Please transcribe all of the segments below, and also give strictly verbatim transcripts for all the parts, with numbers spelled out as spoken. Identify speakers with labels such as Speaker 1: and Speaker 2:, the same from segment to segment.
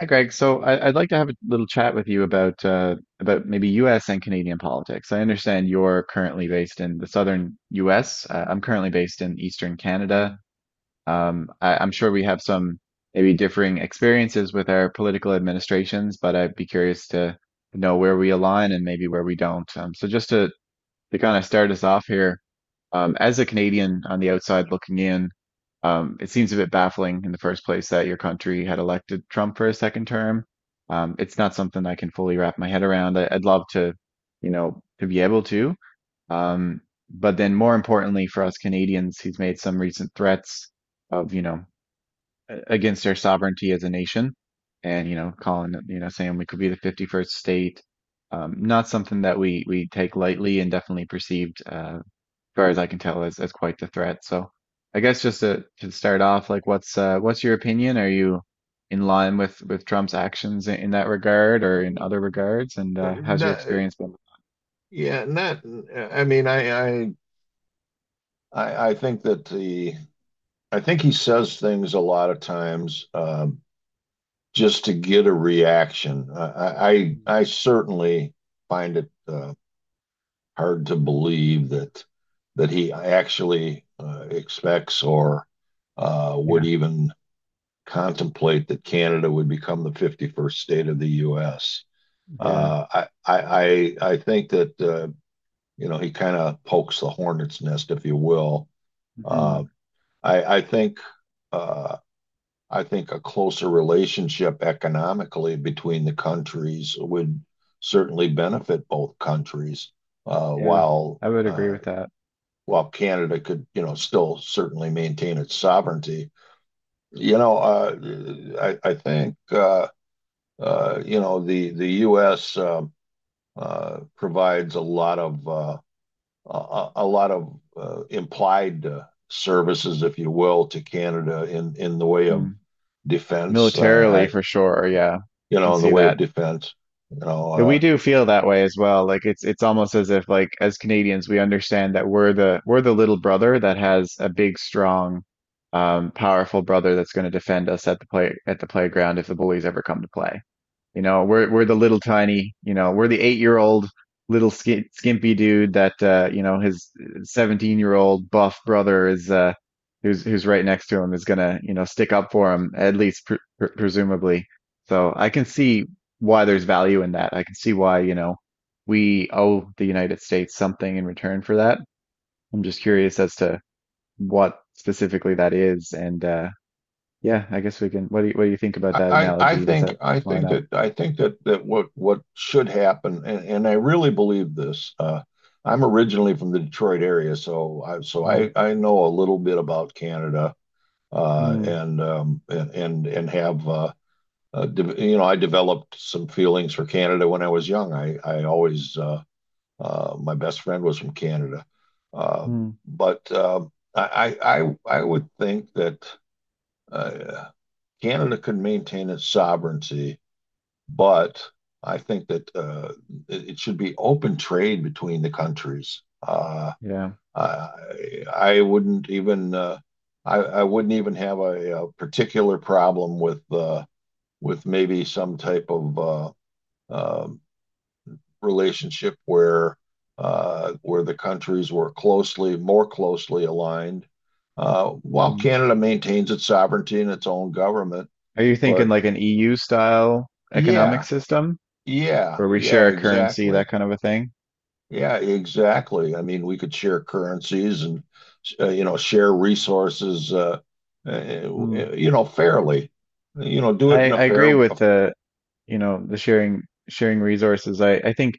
Speaker 1: Hi, Greg. So I, I'd like to have a little chat with you about uh, about maybe U S and Canadian politics. I understand you're currently based in the southern U S. Uh, I'm currently based in eastern Canada. Um, I, I'm sure we have some maybe differing experiences with our political administrations, but I'd be curious to know where we align and maybe where we don't. Um, so just to to kind of start us off here, um, as a Canadian on the outside looking in, um, it seems a bit baffling in the first place that your country had elected Trump for a second term. Um, it's not something I can fully wrap my head around. I, I'd love to, you know, to be able to. Um, but then more importantly for us Canadians, he's made some recent threats of, you know, a- against their sovereignty as a nation, and you know calling it- you know saying we could be the fifty-first state. Um, not something that we we take lightly, and definitely perceived uh, as far as I can tell as, as quite the threat. So I guess just to, to start off, like, what's uh, what's your opinion? Are you in line with with Trump's actions in, in that regard
Speaker 2: Uh,
Speaker 1: or in other regards, and
Speaker 2: uh,
Speaker 1: uh, how's your
Speaker 2: not,
Speaker 1: experience been?
Speaker 2: yeah, not. I mean, I, I, I, I think that the. I think he says things a lot of times um, just to get a reaction. Uh, I, I, I certainly find it uh, hard to believe that that he actually uh, expects or uh, would
Speaker 1: Yeah.
Speaker 2: even contemplate that Canada would become the fifty-first state of the U S.
Speaker 1: Yeah.
Speaker 2: Uh, I, I, I I think that uh, you know, he kind of pokes the hornet's nest, if you will. Uh,
Speaker 1: Hmm.
Speaker 2: I, I think uh, I think a closer relationship economically between the countries would certainly benefit both countries, uh,
Speaker 1: Yeah,
Speaker 2: while
Speaker 1: I would agree
Speaker 2: uh,
Speaker 1: with that.
Speaker 2: while Canada could, you know, still certainly maintain its sovereignty. You know, uh, I, I think uh, uh, You know the the U S um uh, uh, provides a lot of uh, a a lot of uh, implied uh, services, if you will, to Canada in in the way of
Speaker 1: Mm.
Speaker 2: defense. I,
Speaker 1: Militarily
Speaker 2: I
Speaker 1: for sure, yeah,
Speaker 2: You
Speaker 1: we can
Speaker 2: know, in the
Speaker 1: see
Speaker 2: way
Speaker 1: that.
Speaker 2: of defense, you know,
Speaker 1: Yeah, we
Speaker 2: uh,
Speaker 1: do feel that way as well. Like, it's it's almost as if, like, as Canadians we understand that we're the we're the little brother that has a big, strong, um, powerful brother that's going to defend us at the play at the playground if the bullies ever come to play. You know, we're we're the little tiny, you know, we're the eight-year-old little sk skimpy dude that uh, you know, his seventeen-year-old buff brother is uh who's who's right next to him is gonna, you know, stick up for him, at least pre pre presumably. So I can see why there's value in that. I can see why, you know, we owe the United States something in return for that. I'm just curious as to what specifically that is, and uh yeah, I guess we can. What do you, what do you think about that
Speaker 2: I I
Speaker 1: analogy? Does that
Speaker 2: think I
Speaker 1: line
Speaker 2: think
Speaker 1: up?
Speaker 2: that I think that that what what should happen, and and I really believe this. Uh, I'm originally from the Detroit area, so I so I I know a little bit about Canada uh,
Speaker 1: Mm-hmm.
Speaker 2: and um, and and and have Uh, uh, de- you know, I developed some feelings for Canada when I was young. I, I always, uh, uh, my best friend was from Canada. Uh,
Speaker 1: Mm,
Speaker 2: but uh, I, I, I I would think that uh, Canada can maintain its sovereignty, but I think that uh, it, it should be open trade between the countries. Uh,
Speaker 1: yeah.
Speaker 2: I, I wouldn't even, uh, I, I wouldn't even have a, a particular problem with, uh, with maybe some type of uh, um, relationship where uh, where the countries were closely, more closely aligned, uh, while
Speaker 1: Mm.
Speaker 2: Canada maintains its sovereignty and its own government.
Speaker 1: Are you thinking
Speaker 2: But
Speaker 1: like an E U style economic
Speaker 2: yeah,
Speaker 1: system
Speaker 2: yeah,
Speaker 1: where we
Speaker 2: yeah,
Speaker 1: share a currency,
Speaker 2: exactly.
Speaker 1: that kind of a thing?
Speaker 2: Yeah, exactly. I mean, we could share currencies and uh, you know share resources uh, uh,
Speaker 1: Mm.
Speaker 2: you know fairly. You know, do it
Speaker 1: I,
Speaker 2: in a
Speaker 1: I agree
Speaker 2: fair.
Speaker 1: with the, you know, the sharing sharing resources. I, I think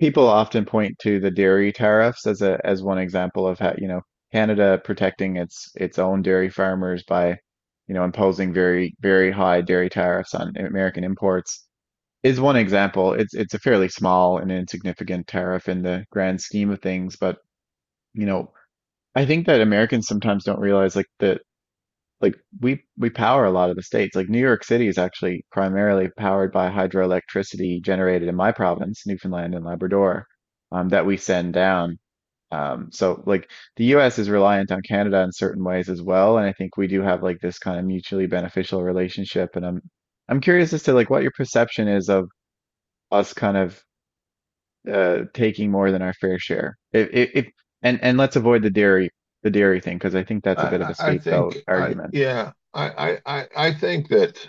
Speaker 1: people often point to the dairy tariffs as a as one example of how, you know, Canada protecting its its own dairy farmers by, you know, imposing very, very high dairy tariffs on American imports is one example. It's it's a fairly small and insignificant tariff in the grand scheme of things, but you know, I think that Americans sometimes don't realize, like, that like we we power a lot of the states. Like, New York City is actually primarily powered by hydroelectricity generated in my province, Newfoundland and Labrador, um, that we send down. Um, so like the U S is reliant on Canada in certain ways as well, and I think we do have like this kind of mutually beneficial relationship. And I'm I'm curious as to like what your perception is of us kind of uh, taking more than our fair share. If, if, if And and let's avoid the dairy the dairy thing because I think that's
Speaker 2: I,
Speaker 1: a bit of a
Speaker 2: I I
Speaker 1: scapegoat
Speaker 2: think I
Speaker 1: argument.
Speaker 2: yeah I I I I think that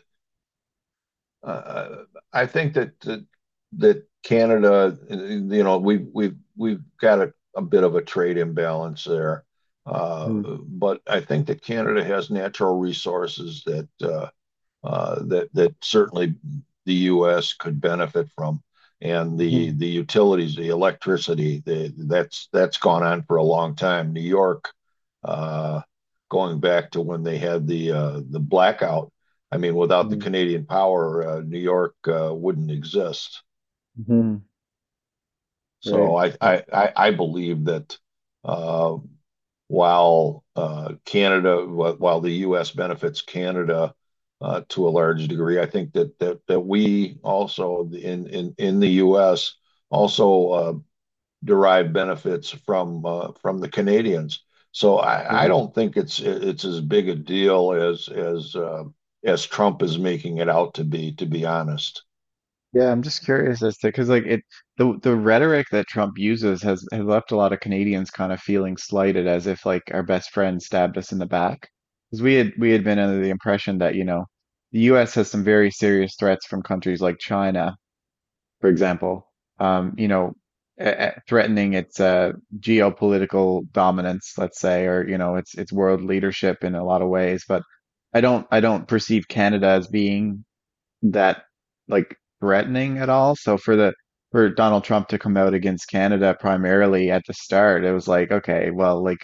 Speaker 2: uh, I think that, that that Canada, you know, we've we've we've got a, a bit of a trade imbalance there, uh, but I think that Canada has natural resources that uh, uh, that that certainly the U S could benefit from. And the
Speaker 1: Mm-hmm.
Speaker 2: the utilities, the electricity, the, that's that's gone on for a long time. New York, uh, going back to when they had the uh, the blackout, I mean, without the Canadian power, uh, New York uh, wouldn't exist.
Speaker 1: Mm-hmm.
Speaker 2: So
Speaker 1: Right.
Speaker 2: I
Speaker 1: That's—
Speaker 2: I I believe that uh, while uh, Canada while the U S benefits Canada uh, to a large degree, I think that that that we also in in in the U S also uh, derive benefits from uh, from the Canadians. So I
Speaker 1: yeah.
Speaker 2: I don't think it's it's as big a deal as as uh, as Trump is making it out to be, to be honest.
Speaker 1: Yeah. I'm just curious as to, because like it, the the rhetoric that Trump uses has has left a lot of Canadians kind of feeling slighted, as if like our best friend stabbed us in the back, because we had we had been under the impression that you know the U S has some very serious threats from countries like China, for example, um, you know, uh, threatening its uh, geopolitical dominance, let's say, or you know, its its world leadership in a lot of ways. But I don't I don't perceive Canada as being that, like, threatening at all. So for the for Donald Trump to come out against Canada primarily at the start, it was like, okay, well, like,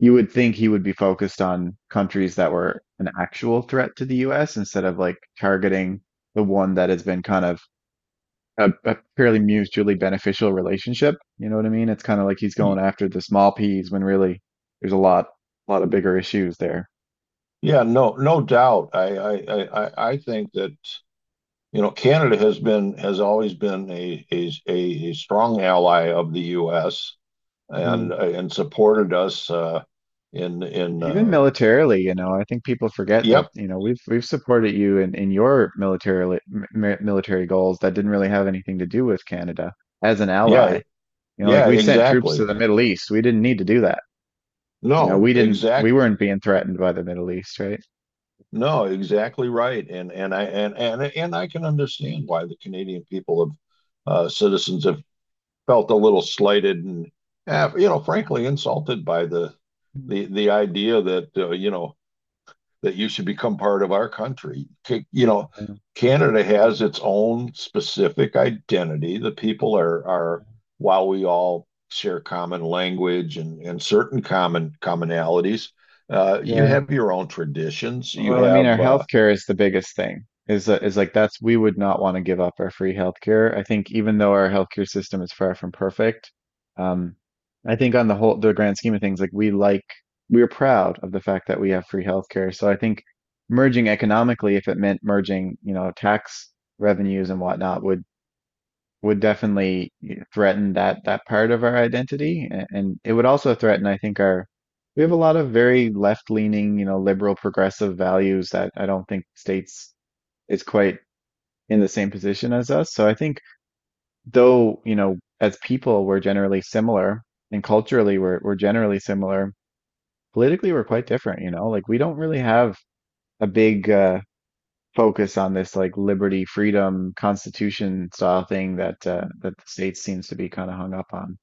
Speaker 1: you would think he would be focused on countries that were an actual threat to the U S instead of like targeting the one that has been kind of a, a fairly mutually beneficial relationship. You know what I mean? It's kind of like he's going after the small peas when really there's a lot, a lot of bigger issues there.
Speaker 2: Yeah, no, no doubt. I, I, I, I I think that, you know, Canada has been, has always been a, a, a a strong ally of the U S
Speaker 1: Mm.
Speaker 2: and, and supported us, uh, in, in,
Speaker 1: Even
Speaker 2: uh,
Speaker 1: militarily, you know, I think people forget that,
Speaker 2: yep,
Speaker 1: you know, we've we've supported you in, in your military mi- military goals that didn't really have anything to do with Canada as an
Speaker 2: yeah,
Speaker 1: ally. You know, like,
Speaker 2: yeah,
Speaker 1: we sent troops to
Speaker 2: exactly.
Speaker 1: the Middle East. We didn't need to do that. You know,
Speaker 2: No,
Speaker 1: we didn't we
Speaker 2: exact,
Speaker 1: weren't being threatened by the Middle East, right?
Speaker 2: no, exactly right. And, and I, and, and, and I can understand why the Canadian people have, uh, citizens have felt a little slighted and, eh, you know, frankly insulted by the
Speaker 1: Mm.
Speaker 2: the the idea that uh, you know that you should become part of our country. Ca- You know,
Speaker 1: Yeah.
Speaker 2: Canada has its own specific identity. The people are are while we all share common language and and certain common commonalities, uh, you
Speaker 1: Yeah.
Speaker 2: have your own traditions. You
Speaker 1: Well, I mean,
Speaker 2: have
Speaker 1: our
Speaker 2: uh,
Speaker 1: healthcare is the biggest thing. Is uh, is like that's, we would not want to give up our free healthcare. I think even though our healthcare system is far from perfect, um, I think on the whole, the grand scheme of things, like we like we're proud of the fact that we have free healthcare. So I think merging economically, if it meant merging, you know, tax revenues and whatnot, would would definitely threaten that that part of our identity, a- and it would also threaten, I think, our, we have a lot of very left-leaning, you know, liberal progressive values that I don't think states is quite in the same position as us. So I think though, you know, as people we're generally similar, and culturally we're we're generally similar, politically we're quite different. You know, like, we don't really have a big uh focus on this, like, liberty, freedom, constitution style thing that uh, that the state seems to be kind of hung up on,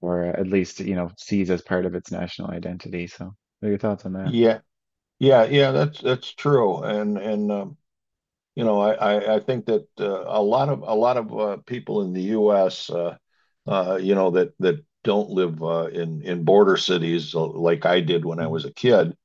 Speaker 1: or at least, you know, sees as part of its national identity. So, what are your thoughts on that?
Speaker 2: Yeah, yeah, yeah, that's that's true and and um, you know, I, I, I think that uh, a lot of a lot of uh, people in the U S. Uh, uh, you know that that don't live uh, in in border cities uh, like I did when I
Speaker 1: Mm.
Speaker 2: was a kid.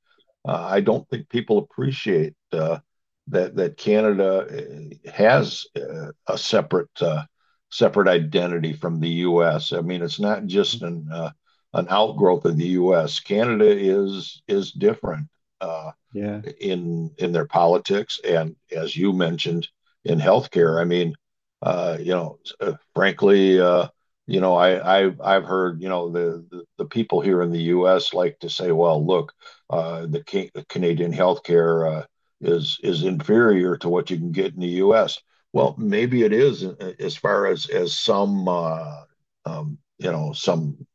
Speaker 2: Uh, I don't think people appreciate uh, that that Canada uh, has uh, a separate uh, separate identity from the U S. I mean, it's not just an uh, an outgrowth of the U S. Canada is is different. Uh,
Speaker 1: Yeah.
Speaker 2: in in their politics, and as you mentioned, in healthcare.
Speaker 1: Mm,
Speaker 2: I mean, uh, you know, uh, frankly, uh, you know, I, I've I've heard you know the, the the people here in the U S like to say, well, look, uh, the, ca the Canadian healthcare uh, is is inferior to what you can get in the U S. Well, maybe it is uh, as far as as some uh, um, you know some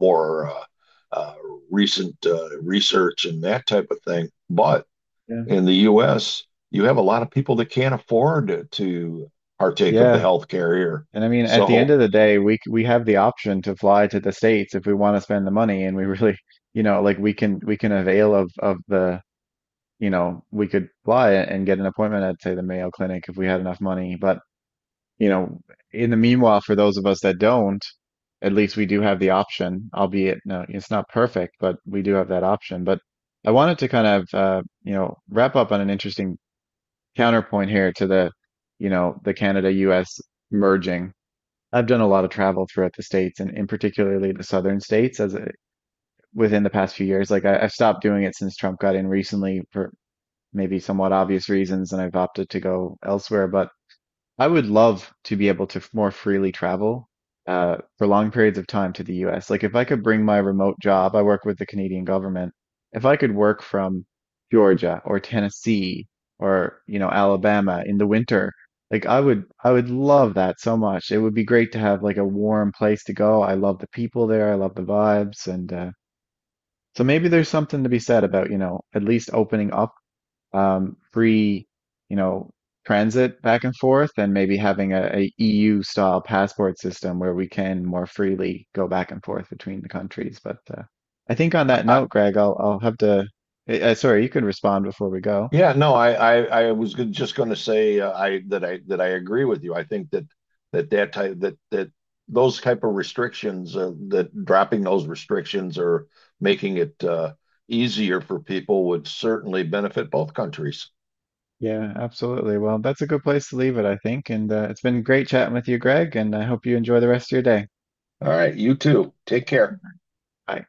Speaker 2: more uh, uh, recent uh, research and that type of thing, but
Speaker 1: yeah,
Speaker 2: in the U S, you have a lot of people that can't afford to to partake of the
Speaker 1: yeah.
Speaker 2: healthcare here.
Speaker 1: And I mean, at the end
Speaker 2: So
Speaker 1: of the day, we c- we have the option to fly to the States if we want to spend the money, and we really, you know, like, we can we can avail of of the, you know, we could fly and get an appointment at say the Mayo Clinic if we had enough money, but you know, in the meanwhile, for those of us that don't, at least we do have the option, albeit, no, it's not perfect, but we do have that option. But I wanted to kind of, uh, you know, wrap up on an interesting counterpoint here to the, you know, the Canada-U S merging. I've done a lot of travel throughout the states, and, in particularly the southern states as a, within the past few years. Like, I, I've stopped doing it since Trump got in recently for maybe somewhat obvious reasons, and I've opted to go elsewhere. But I would love to be able to f- more freely travel uh, for long periods of time to the U S. Like, if I could bring my remote job, I work with the Canadian government. If I could work from Georgia or Tennessee or, you know, Alabama in the winter, like I would I would love that so much. It would be great to have like a warm place to go. I love the people there. I love the vibes, and uh, so maybe there's something to be said about, you know, at least opening up um, free, you know, transit back and forth, and maybe having a, E U style passport system where we can more freely go back and forth between the countries. But uh, I think on
Speaker 2: I,
Speaker 1: that
Speaker 2: I
Speaker 1: note, Greg, I'll I'll have to. Eh, Uh, sorry, you can respond before we go.
Speaker 2: Yeah, no, I I, I was just going to say uh, I that I that I agree with you. I think that that that type that that those type of restrictions, uh, that dropping those restrictions or making it uh, easier for people would certainly benefit both countries.
Speaker 1: Yeah, absolutely. Well, that's a good place to leave it, I think. And uh, it's been great chatting with you, Greg, and I hope you enjoy the rest of your day.
Speaker 2: All right, you too. Take care.
Speaker 1: Bye.